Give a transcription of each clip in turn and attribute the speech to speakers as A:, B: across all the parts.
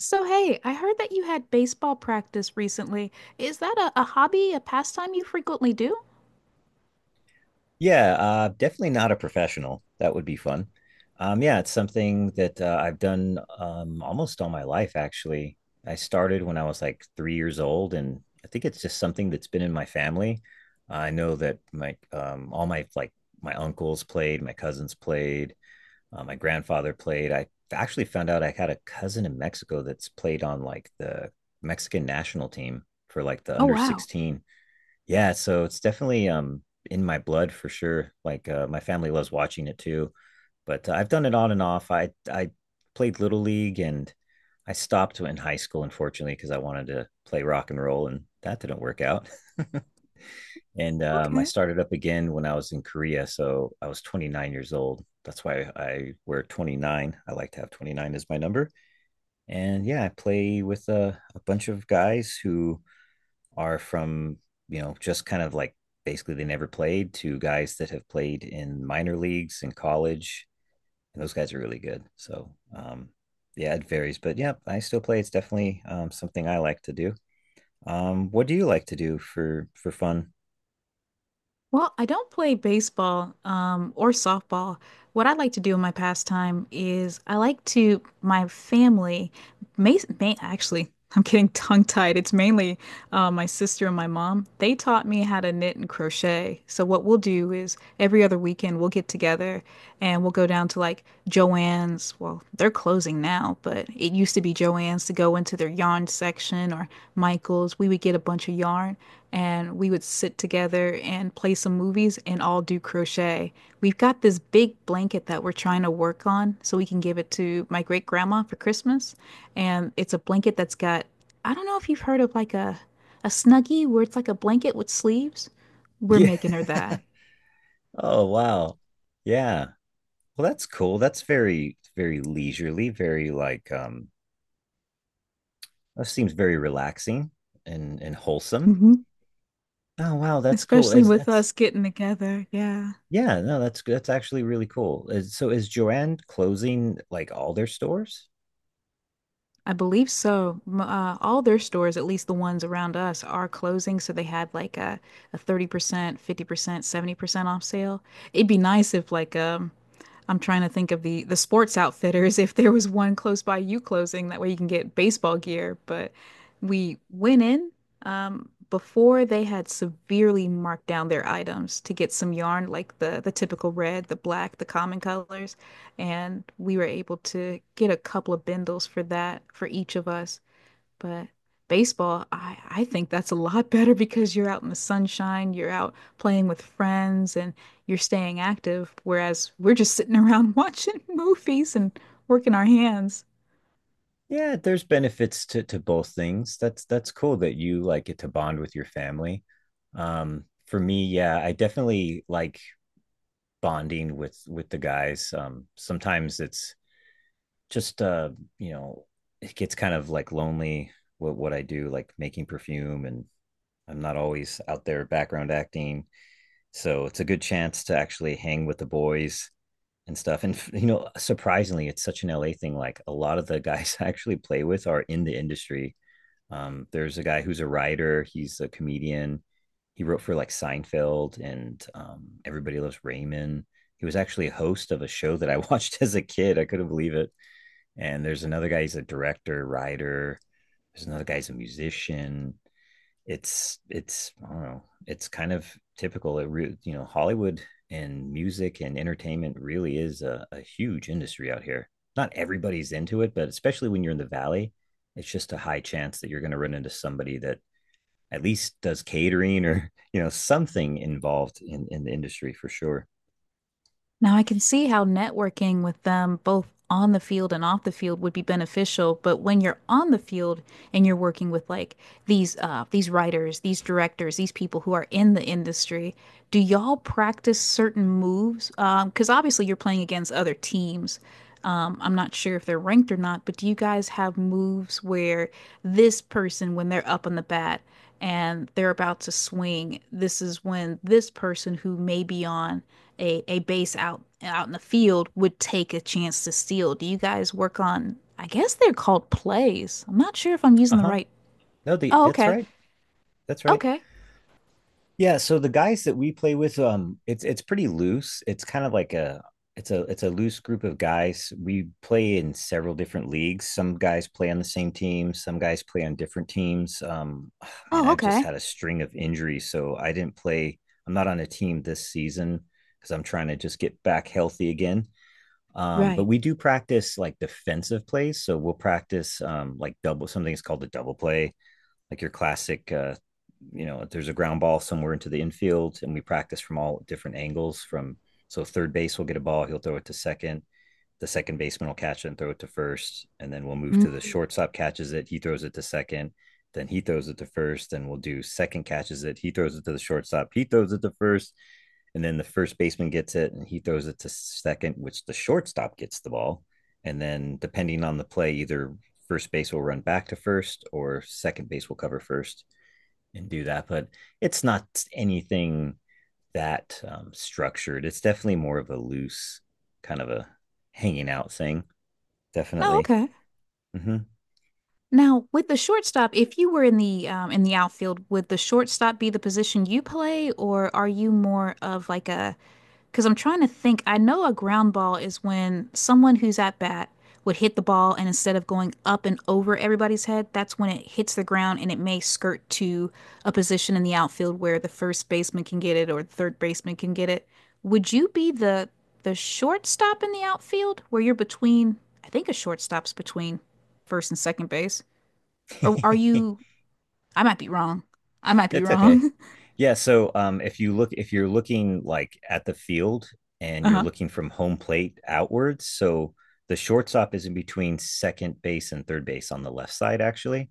A: So, hey, I heard that you had baseball practice recently. Is that a hobby, a pastime you frequently do?
B: Yeah, definitely not a professional. That would be fun. Yeah, it's something that I've done almost all my life, actually. I started when I was like 3 years old, and I think it's just something that's been in my family. I know that my uncles played, my cousins played, my grandfather played. I actually found out I had a cousin in Mexico that's played on like the Mexican national team for like the
A: Oh,
B: under
A: wow.
B: 16. Yeah, so it's definitely in my blood for sure. Like my family loves watching it too, but I've done it on and off. I played Little League, and I stopped in high school unfortunately because I wanted to play rock and roll and that didn't work out, and I
A: Okay.
B: started up again when I was in Korea. So I was 29 years old. That's why I wear 29. I like to have 29 as my number. And yeah, I play with a bunch of guys who are from, just kind of like basically they never played to guys that have played in minor leagues in college. And those guys are really good. So yeah, it varies. But yeah, I still play. It's definitely something I like to do. What do you like to do for fun?
A: Well, I don't play baseball, or softball. What I like to do in my pastime is I like to, my family, actually, I'm getting tongue-tied. It's mainly my sister and my mom. They taught me how to knit and crochet. So what we'll do is every other weekend we'll get together and we'll go down to like Joann's. Well, they're closing now, but it used to be Joann's to go into their yarn section or Michael's. We would get a bunch of yarn and we would sit together and play some movies and all do crochet. We've got this big blanket that we're trying to work on so we can give it to my great grandma for Christmas. And it's a blanket that's got, I don't know if you've heard of like a snuggie where it's like a blanket with sleeves. We're
B: Yeah.
A: making her that.
B: Oh, wow. Yeah. Well, that's cool. That's very, very leisurely, very that seems very relaxing and wholesome.
A: Hmm.
B: Oh, wow, that's cool.
A: Especially
B: Is
A: with
B: that's
A: us getting together. Yeah.
B: yeah, no, that's good. That's actually really cool. So is Joanne closing like all their stores?
A: I believe so. All their stores, at least the ones around us, are closing. So they had like a 30%, 50%, 70% off sale. It'd be nice if like I'm trying to think of the sports outfitters if there was one close by you closing that way you can get baseball gear. But we went in before they had severely marked down their items to get some yarn, like the typical red, the black, the common colors, and we were able to get a couple of bindles for that for each of us. But baseball, I think that's a lot better because you're out in the sunshine, you're out playing with friends, and you're staying active, whereas we're just sitting around watching movies and working our hands.
B: Yeah, there's benefits to both things. That's cool that you like get to bond with your family. For me, yeah, I definitely like bonding with the guys. Sometimes it's just you know it gets kind of like lonely. What I do like making perfume, and I'm not always out there background acting, so it's a good chance to actually hang with the boys and stuff. And surprisingly, it's such an LA thing. Like a lot of the guys I actually play with are in the industry. There's a guy who's a writer, he's a comedian. He wrote for like Seinfeld and Everybody Loves Raymond. He was actually a host of a show that I watched as a kid. I couldn't believe it. And there's another guy, he's a director, writer. There's another guy, he's a musician. I don't know, it's kind of typical. Hollywood and music and entertainment really is a huge industry out here. Not everybody's into it, but especially when you're in the valley, it's just a high chance that you're going to run into somebody that at least does catering or something involved in the industry for sure.
A: Now, I can see how networking with them both on the field and off the field would be beneficial, but when you're on the field and you're working with like these these writers, these directors, these people who are in the industry, do y'all practice certain moves? Because obviously you're playing against other teams. I'm not sure if they're ranked or not, but do you guys have moves where this person, when they're up on the bat and they're about to swing, this is when this person who may be on a base out in the field would take a chance to steal? Do you guys work on, I guess they're called plays. I'm not sure if I'm
B: Uh
A: using the
B: huh.
A: right.
B: No,
A: Oh,
B: that's
A: okay.
B: right. That's right.
A: Okay.
B: Yeah, so the guys that we play with, it's pretty loose. It's kind of like a loose group of guys. We play in several different leagues. Some guys play on the same team, some guys play on different teams. Man,
A: Oh,
B: I've just
A: okay.
B: had a string of injuries, so I didn't play. I'm not on a team this season because I'm trying to just get back healthy again. But
A: Right.
B: we do practice like defensive plays, so we'll practice like double something. Something's called the double play, like your classic there's a ground ball somewhere into the infield, and we practice from all different angles. From So third base will get a ball, he'll throw it to second. The second baseman will catch it and throw it to first, and then we'll move
A: Mm.
B: to the shortstop catches it, he throws it to second, then he throws it to first. Then we'll do second catches it, he throws it to the shortstop, he throws it to first, and then the first baseman gets it and he throws it to second, which the shortstop gets the ball. And then depending on the play, either first base will run back to first, or second base will cover first and do that. But it's not anything that structured. It's definitely more of a loose kind of a hanging out thing.
A: Oh,
B: Definitely.
A: okay.
B: Mm-hmm.
A: Now, with the shortstop, if you were in the outfield, would the shortstop be the position you play, or are you more of like a? Because I'm trying to think. I know a ground ball is when someone who's at bat would hit the ball, and instead of going up and over everybody's head, that's when it hits the ground, and it may skirt to a position in the outfield where the first baseman can get it or the third baseman can get it. Would you be the shortstop in the outfield where you're between? I think a shortstop's between first and second base. Or are you? I might be wrong. I might be
B: It's okay.
A: wrong.
B: Yeah. So if you're looking like at the field and you're
A: Uh-huh.
B: looking from home plate outwards, so the shortstop is in between second base and third base, on the left side, actually.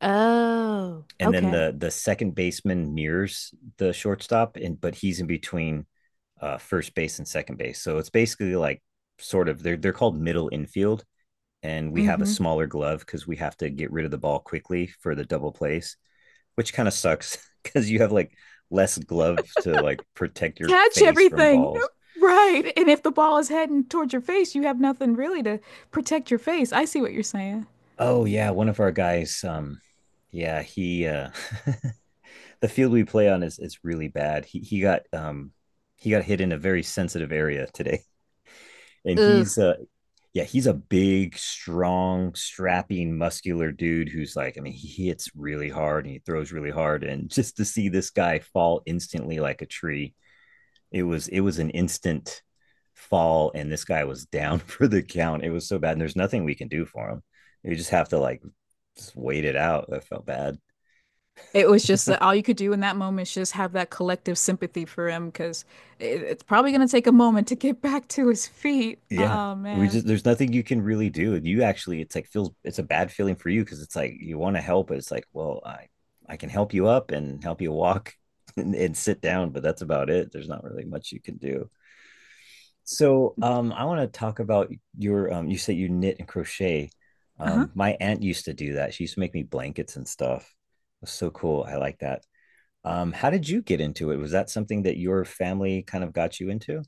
A: Oh,
B: And then
A: okay.
B: the second baseman mirrors the shortstop, and but he's in between first base and second base. So it's basically like, sort of, they're called middle infield, and we have a
A: Mm-hmm.
B: smaller glove because we have to get rid of the ball quickly for the double plays, which kind of sucks because you have like less glove to like protect your
A: Catch
B: face from
A: everything.
B: balls.
A: Right. And if the ball is heading towards your face, you have nothing really to protect your face. I see what you're saying.
B: Oh yeah, one of our guys. Yeah, he the field we play on is really bad. He got hit in a very sensitive area today, and
A: Ugh.
B: he's yeah, he's a big, strong, strapping, muscular dude who's like, I mean, he hits really hard and he throws really hard, and just to see this guy fall instantly like a tree. It was an instant fall, and this guy was down for the count. It was so bad, and there's nothing we can do for him. We just have to like just wait it out. I felt bad.
A: It was just that all you could do in that moment is just have that collective sympathy for him because it, it's probably going to take a moment to get back to his feet.
B: Yeah.
A: Oh,
B: We
A: man.
B: just there's nothing you can really do. And you actually it's like feels it's a bad feeling for you because it's like you want to help, but it's like, well, I can help you up and help you walk and sit down, but that's about it. There's not really much you can do. So I want to talk about you said you knit and crochet.
A: Uh-huh.
B: My aunt used to do that. She used to make me blankets and stuff. It was so cool. I like that. How did you get into it? Was that something that your family kind of got you into?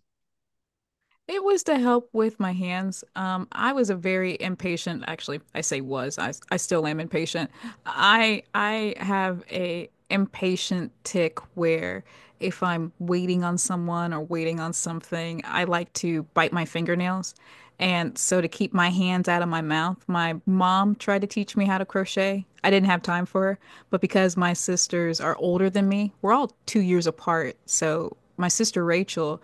A: It was to help with my hands. I was a very impatient, actually, I say was, I still am impatient. I have a impatient tick where if I'm waiting on someone or waiting on something, I like to bite my fingernails. And so to keep my hands out of my mouth, my mom tried to teach me how to crochet. I didn't have time for her, but because my sisters are older than me, we're all 2 years apart. So my sister Rachel,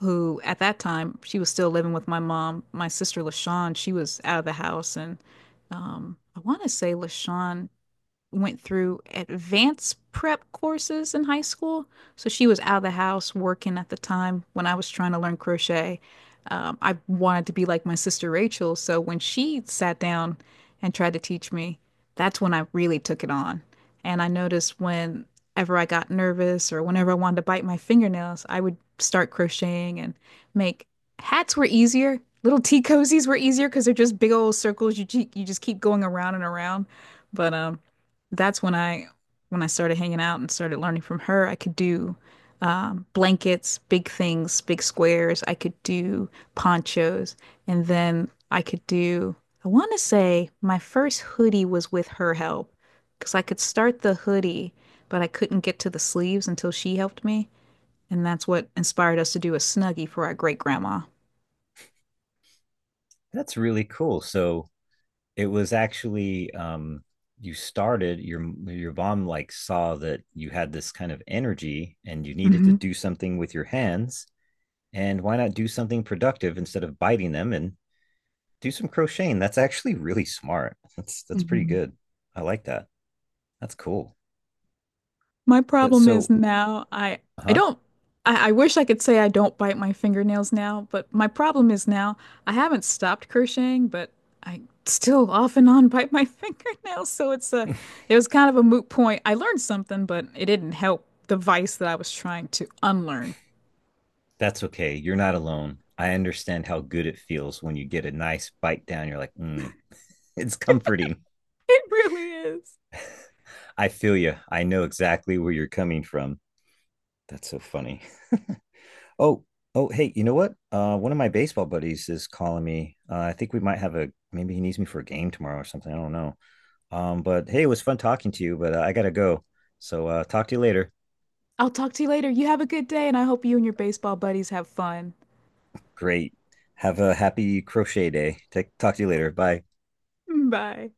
A: who at that time she was still living with my mom. My sister LaShawn, she was out of the house, and I want to say LaShawn went through advanced prep courses in high school. So she was out of the house working at the time when I was trying to learn crochet. I wanted to be like my sister Rachel. So when she sat down and tried to teach me, that's when I really took it on. And I noticed whenever I got nervous or whenever I wanted to bite my fingernails, I would start crocheting and make hats were easier. Little tea cozies were easier because they're just big old circles you just keep going around and around. But that's when I started hanging out and started learning from her. I could do blankets, big things, big squares. I could do ponchos, and then I could do. I want to say my first hoodie was with her help because I could start the hoodie, but I couldn't get to the sleeves until she helped me, and that's what inspired us to do a snuggie for our great grandma.
B: That's really cool. So it was actually you started your mom like saw that you had this kind of energy and you needed to
A: Hmm.
B: do something with your hands, and why not do something productive instead of biting them and do some crocheting. That's actually really smart. That's pretty good. I like that. That's cool.
A: My
B: That,
A: problem is
B: so,
A: now I
B: huh.
A: don't I wish I could say I don't bite my fingernails now, but my problem is now I haven't stopped crocheting, but I still off and on bite my fingernails, so it's a it was kind of a moot point. I learned something, but it didn't help the vice that I was trying to unlearn.
B: That's okay, you're not alone. I understand how good it feels when you get a nice bite down. You're like, mm, it's comforting.
A: It really is.
B: I feel you. I know exactly where you're coming from. That's so funny. Oh, oh, hey, you know what? One of my baseball buddies is calling me. I think we might have a maybe he needs me for a game tomorrow or something. I don't know. But hey, it was fun talking to you, but I gotta go. So talk to you later.
A: I'll talk to you later. You have a good day, and I hope you and your baseball buddies have fun.
B: Great. Have a happy crochet day. Talk to you later. Bye.
A: Bye.